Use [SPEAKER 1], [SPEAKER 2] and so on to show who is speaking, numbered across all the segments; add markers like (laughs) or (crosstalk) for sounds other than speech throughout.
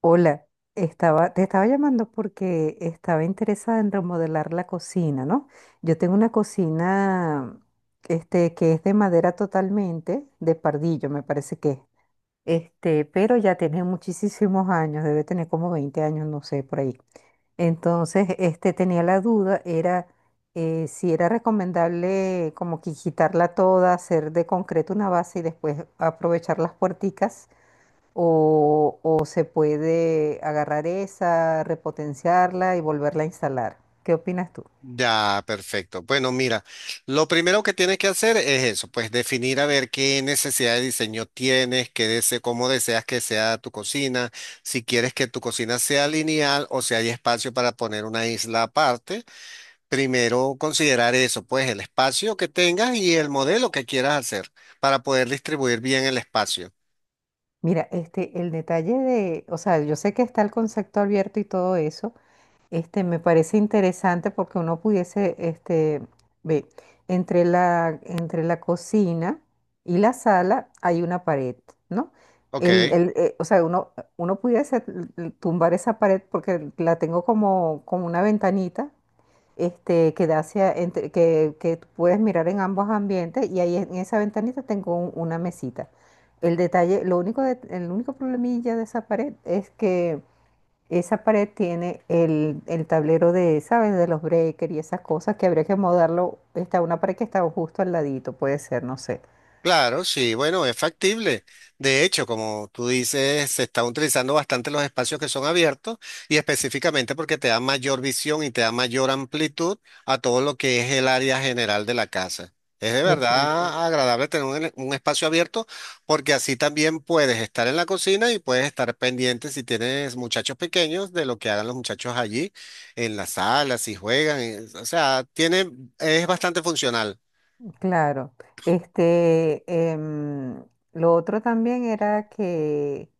[SPEAKER 1] Hola, estaba, te estaba llamando porque estaba interesada en remodelar la cocina, ¿no? Yo tengo una cocina, que es de madera totalmente, de pardillo, me parece que es. Pero ya tiene muchísimos años, debe tener como 20 años, no sé, por ahí. Entonces, tenía la duda, era si era recomendable como que quitarla toda, hacer de concreto una base y después aprovechar las puerticas o se puede agarrar esa, repotenciarla y volverla a instalar. ¿Qué opinas tú?
[SPEAKER 2] Ya, perfecto. Bueno, mira, lo primero que tienes que hacer es eso, pues definir a ver qué necesidad de diseño tienes, qué dese- cómo deseas que sea tu cocina, si quieres que tu cocina sea lineal o si hay espacio para poner una isla aparte. Primero considerar eso, pues el espacio que tengas y el modelo que quieras hacer para poder distribuir bien el espacio.
[SPEAKER 1] Mira, el detalle de, o sea, yo sé que está el concepto abierto y todo eso, me parece interesante porque uno pudiese, ve, entre la cocina y la sala hay una pared, ¿no?
[SPEAKER 2] Ok.
[SPEAKER 1] O sea, uno pudiese tumbar esa pared porque la tengo como, como una ventanita que da hacia, que tú puedes mirar en ambos ambientes y ahí en esa ventanita tengo una mesita. El detalle, el único problemilla de esa pared es que esa pared tiene el tablero de, ¿sabes? De los breakers y esas cosas que habría que modarlo. Está una pared que está justo al ladito, puede ser, no sé.
[SPEAKER 2] Claro, sí, bueno, es factible. De hecho, como tú dices, se están utilizando bastante los espacios que son abiertos y específicamente porque te da mayor visión y te da mayor amplitud a todo lo que es el área general de la casa. Es de
[SPEAKER 1] Exacto.
[SPEAKER 2] verdad agradable tener un, ele- un espacio abierto porque así también puedes estar en la cocina y puedes estar pendiente si tienes muchachos pequeños de lo que hagan los muchachos allí en la sala, si juegan. O sea, tiene, es bastante funcional.
[SPEAKER 1] Claro, este, em, lo otro también era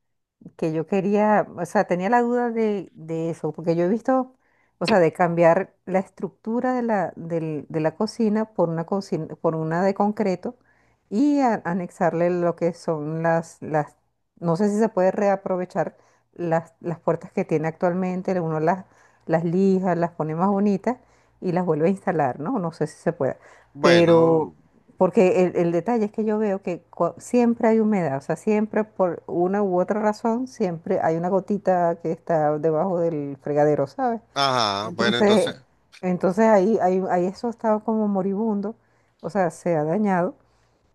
[SPEAKER 1] que yo quería, o sea, tenía la duda de eso, porque yo he visto, o sea, de cambiar la estructura de la, de la cocina, por una de concreto y anexarle lo que son las, no sé si se puede reaprovechar las puertas que tiene actualmente, uno las lija, las pone más bonitas y las vuelve a instalar, ¿no? No sé si se puede. Pero,
[SPEAKER 2] Bueno.
[SPEAKER 1] porque el detalle es que yo veo que siempre hay humedad, o sea, siempre por una u otra razón, siempre hay una gotita que está debajo del fregadero, ¿sabes?
[SPEAKER 2] Ajá, bueno, entonces,
[SPEAKER 1] Entonces, entonces ahí eso estaba como moribundo, o sea, se ha dañado.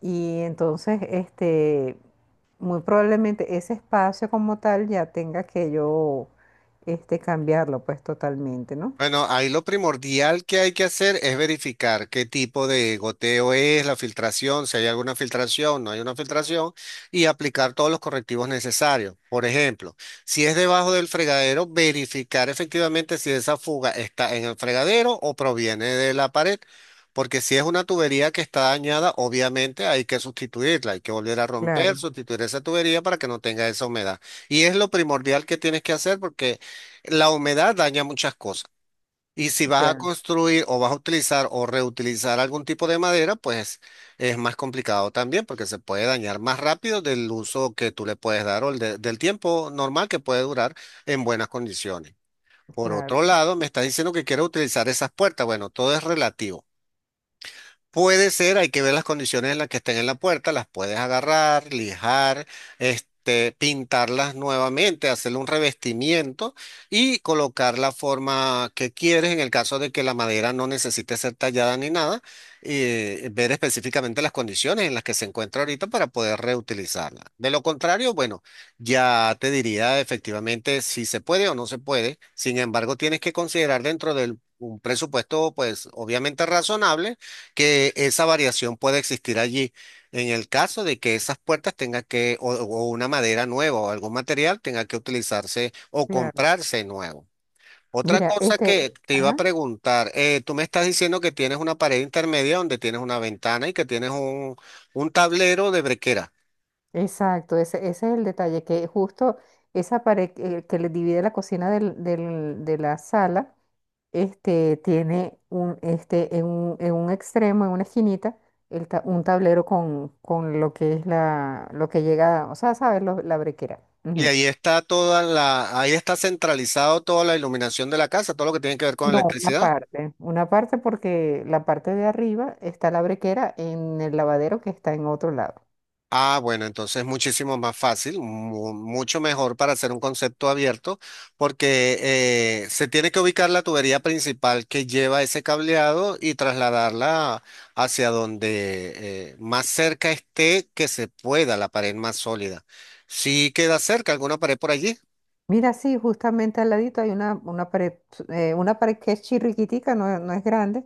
[SPEAKER 1] Y entonces, muy probablemente ese espacio como tal ya tenga que yo, cambiarlo pues totalmente, ¿no?
[SPEAKER 2] bueno, ahí lo primordial que hay que hacer es verificar qué tipo de goteo es, la filtración, si hay alguna filtración, no hay una filtración, y aplicar todos los correctivos necesarios. Por ejemplo, si es debajo del fregadero, verificar efectivamente si esa fuga está en el fregadero o proviene de la pared, porque si es una tubería que está dañada, obviamente hay que sustituirla, hay que volver a romper,
[SPEAKER 1] Claro,
[SPEAKER 2] sustituir esa tubería para que no tenga esa humedad. Y es lo primordial que tienes que hacer porque la humedad daña muchas cosas. Y si vas a
[SPEAKER 1] ya,
[SPEAKER 2] construir o vas a utilizar o reutilizar algún tipo de madera, pues es más complicado también porque se puede dañar más rápido del uso que tú le puedes dar o el del tiempo normal que puede durar en buenas condiciones. Por
[SPEAKER 1] claro,
[SPEAKER 2] otro lado, me estás diciendo que quieres utilizar esas puertas. Bueno, todo es relativo. Puede ser, hay que ver las condiciones en las que estén en la puerta, las puedes agarrar, lijar, pintarlas nuevamente, hacerle un revestimiento y colocar la forma que quieres en el caso de que la madera no necesite ser tallada ni nada, ver específicamente las condiciones en las que se encuentra ahorita para poder reutilizarla. De lo contrario, bueno, ya te diría efectivamente si se puede o no se puede. Sin embargo, tienes que considerar dentro de un presupuesto, pues obviamente razonable que esa variación puede existir allí. En el caso de que esas puertas tengan que, o una madera nueva o algún material tenga que utilizarse o
[SPEAKER 1] claro.
[SPEAKER 2] comprarse nuevo. Otra
[SPEAKER 1] Mira,
[SPEAKER 2] cosa que te iba a
[SPEAKER 1] ajá.
[SPEAKER 2] preguntar, tú me estás diciendo que tienes una pared intermedia donde tienes una ventana y que tienes un tablero de brequera.
[SPEAKER 1] Exacto, ese es el detalle, que justo esa pared que le divide la cocina de la sala, tiene un, en un, en un extremo, en una esquinita, un tablero con lo que es la, lo que llega, o sea, ¿sabes? La brequera.
[SPEAKER 2] Y
[SPEAKER 1] Ujú.
[SPEAKER 2] ahí está toda la, ahí está centralizado toda la iluminación de la casa, todo lo que tiene que ver con
[SPEAKER 1] No,
[SPEAKER 2] electricidad.
[SPEAKER 1] una parte porque la parte de arriba está la brequera en el lavadero que está en otro lado.
[SPEAKER 2] Ah, bueno, entonces muchísimo más fácil, mucho mejor para hacer un concepto abierto, porque se tiene que ubicar la tubería principal que lleva ese cableado y trasladarla hacia donde más cerca esté que se pueda, la pared más sólida. Si queda cerca alguna pared por allí,
[SPEAKER 1] Mira, sí, justamente al ladito hay una pared que es chirriquitica, no, no es grande,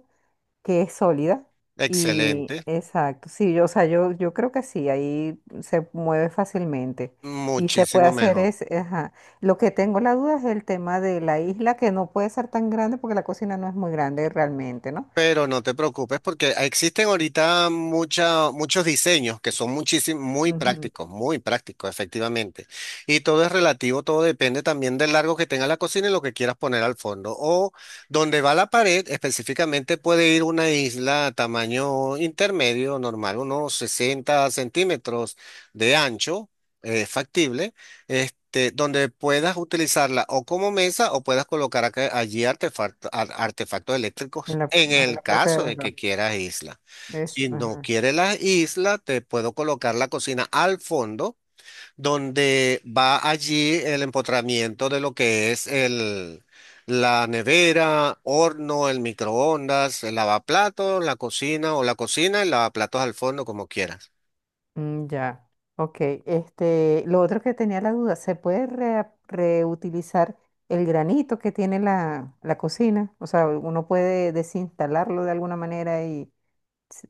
[SPEAKER 1] que es sólida. Y
[SPEAKER 2] excelente,
[SPEAKER 1] exacto, sí, yo, o sea, yo creo que sí, ahí se mueve fácilmente. Y se puede
[SPEAKER 2] muchísimo
[SPEAKER 1] hacer
[SPEAKER 2] mejor.
[SPEAKER 1] es, ajá. Lo que tengo la duda es el tema de la isla, que no puede ser tan grande porque la cocina no es muy grande realmente, ¿no?
[SPEAKER 2] Pero no te preocupes porque existen ahorita muchos diseños que son muchísimo,
[SPEAKER 1] Ujú.
[SPEAKER 2] muy prácticos, efectivamente. Y todo es relativo, todo depende también del largo que tenga la cocina y lo que quieras poner al fondo. O donde va la pared, específicamente puede ir una isla tamaño intermedio, normal, unos 60 centímetros de ancho, factible, donde puedas utilizarla o como mesa o puedas colocar allí artefactos
[SPEAKER 1] En
[SPEAKER 2] eléctricos
[SPEAKER 1] la,
[SPEAKER 2] en
[SPEAKER 1] en
[SPEAKER 2] el
[SPEAKER 1] la parte de
[SPEAKER 2] caso de
[SPEAKER 1] abajo.
[SPEAKER 2] que quieras isla.
[SPEAKER 1] Es,
[SPEAKER 2] Si no
[SPEAKER 1] ajá.
[SPEAKER 2] quieres la isla, te puedo colocar la cocina al fondo, donde va allí el empotramiento de lo que es el, la nevera, horno, el microondas, el lavaplatos, la cocina o la cocina, el lavaplatos al fondo, como quieras.
[SPEAKER 1] Mm, ya. Ok. Lo otro que tenía la duda, ¿se puede reutilizar el granito que tiene la, la cocina? O sea, uno puede desinstalarlo de alguna manera y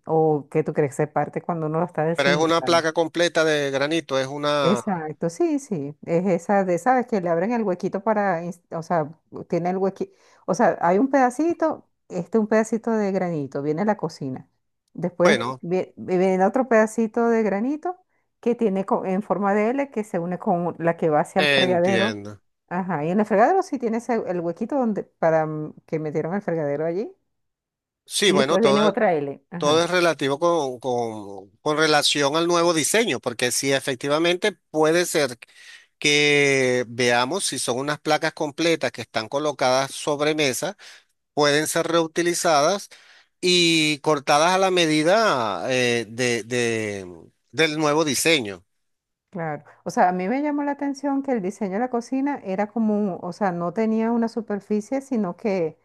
[SPEAKER 1] o que tú crees que se parte cuando uno lo está
[SPEAKER 2] Pero es una
[SPEAKER 1] desinstalando.
[SPEAKER 2] placa completa de granito, es una...
[SPEAKER 1] Exacto, sí, sí, es esa de, sabes que le abren el huequito para, o sea, tiene el huequito, o sea, hay un pedacito, un pedacito de granito, viene la cocina, después
[SPEAKER 2] Bueno,
[SPEAKER 1] viene otro pedacito de granito que tiene en forma de L que se une con la que va hacia el fregadero,
[SPEAKER 2] entiendo.
[SPEAKER 1] ajá, y en el fregadero sí tiene el huequito donde, para mm, que metieron el fregadero allí,
[SPEAKER 2] Sí,
[SPEAKER 1] y
[SPEAKER 2] bueno,
[SPEAKER 1] después viene
[SPEAKER 2] todo,
[SPEAKER 1] otra L,
[SPEAKER 2] todo
[SPEAKER 1] ajá.
[SPEAKER 2] es relativo con, con relación al nuevo diseño, porque si efectivamente puede ser que veamos si son unas placas completas que están colocadas sobre mesa, pueden ser reutilizadas y cortadas a la medida del nuevo diseño,
[SPEAKER 1] Claro, o sea, a mí me llamó la atención que el diseño de la cocina era como, o sea, no tenía una superficie, sino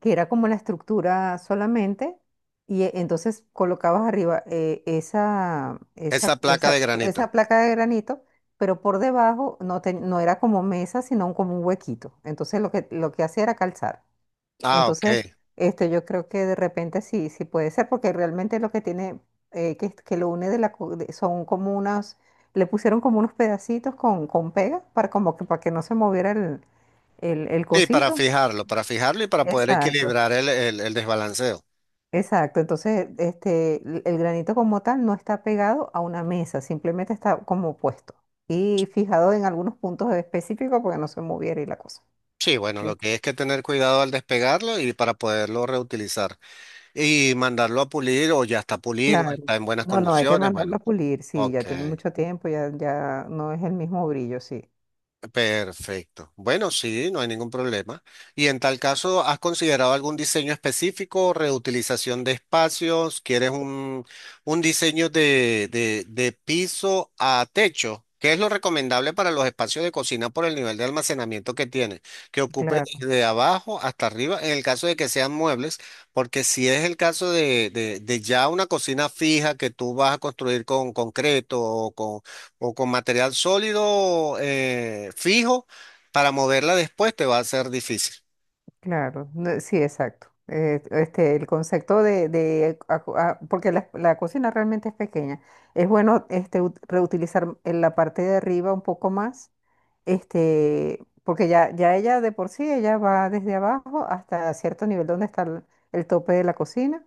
[SPEAKER 1] que era como la estructura solamente, y entonces colocabas arriba
[SPEAKER 2] esa placa de granito.
[SPEAKER 1] esa placa de granito, pero por debajo no, no era como mesa, sino como un huequito. Entonces lo que hacía era calzar.
[SPEAKER 2] Ah, ok.
[SPEAKER 1] Entonces, yo creo que de repente sí, sí puede ser, porque realmente lo que tiene, que lo une de la, son como unas, le pusieron como unos pedacitos con pega para como que para que no se moviera el
[SPEAKER 2] Sí,
[SPEAKER 1] cosito.
[SPEAKER 2] para fijarlo y para poder
[SPEAKER 1] Exacto,
[SPEAKER 2] equilibrar el, el desbalanceo.
[SPEAKER 1] exacto. Entonces, el granito como tal no está pegado a una mesa, simplemente está como puesto y fijado en algunos puntos específicos porque no se moviera y la cosa.
[SPEAKER 2] Sí, bueno, lo que es que tener cuidado al despegarlo y para poderlo reutilizar. Y mandarlo a pulir o ya está pulido,
[SPEAKER 1] Claro.
[SPEAKER 2] está en buenas
[SPEAKER 1] No, no, hay que
[SPEAKER 2] condiciones.
[SPEAKER 1] mandarlo a
[SPEAKER 2] Bueno,
[SPEAKER 1] pulir, sí, ya
[SPEAKER 2] ok.
[SPEAKER 1] tiene mucho tiempo, ya, ya no es el mismo brillo, sí.
[SPEAKER 2] Perfecto. Bueno, sí, no hay ningún problema. Y en tal caso, ¿has considerado algún diseño específico, reutilización de espacios? ¿Quieres un diseño de piso a techo? ¿Qué es lo recomendable para los espacios de cocina por el nivel de almacenamiento que tiene? Que ocupe
[SPEAKER 1] Claro,
[SPEAKER 2] desde abajo hasta arriba, en el caso de que sean muebles, porque si es el caso de ya una cocina fija que tú vas a construir con concreto o con material sólido fijo para moverla después te va a ser difícil.
[SPEAKER 1] claro, no, sí, exacto. El concepto de, ah, porque la cocina realmente es pequeña. Es bueno reutilizar en la parte de arriba un poco más, porque ya, ya ella de por sí, ella va desde abajo hasta cierto nivel donde está el tope de la cocina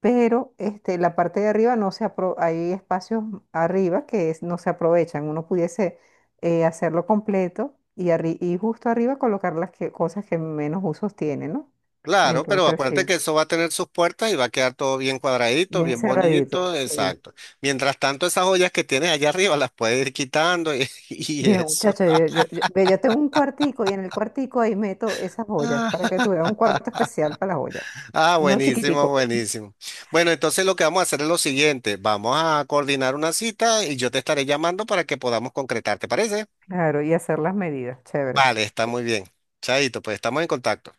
[SPEAKER 1] pero la parte de arriba no se apro- hay espacios arriba no se aprovechan. Uno pudiese hacerlo completo y, y justo arriba colocar las cosas que menos usos tienen, ¿no?
[SPEAKER 2] Claro, pero
[SPEAKER 1] Entonces
[SPEAKER 2] acuérdate que
[SPEAKER 1] sí,
[SPEAKER 2] eso va a tener sus puertas y va a quedar todo bien cuadradito,
[SPEAKER 1] bien
[SPEAKER 2] bien
[SPEAKER 1] cerradito,
[SPEAKER 2] bonito,
[SPEAKER 1] sí.
[SPEAKER 2] exacto. Mientras tanto, esas ollas que tienes allá arriba las puedes ir quitando y, (laughs) y
[SPEAKER 1] Mira,
[SPEAKER 2] eso.
[SPEAKER 1] muchacho, ve, yo tengo un cuartico y en el cuartico ahí meto esas joyas
[SPEAKER 2] Ah,
[SPEAKER 1] para que tuviera un cuarto especial para las joyas.
[SPEAKER 2] ah,
[SPEAKER 1] Uno
[SPEAKER 2] buenísimo,
[SPEAKER 1] chiquitico,
[SPEAKER 2] buenísimo. Bueno, entonces lo que vamos a hacer es lo siguiente, vamos a coordinar una cita y yo te estaré llamando para que podamos concretar, ¿te parece?
[SPEAKER 1] claro, y hacer las medidas, chévere.
[SPEAKER 2] Vale, está muy bien. Chaito, pues estamos en contacto.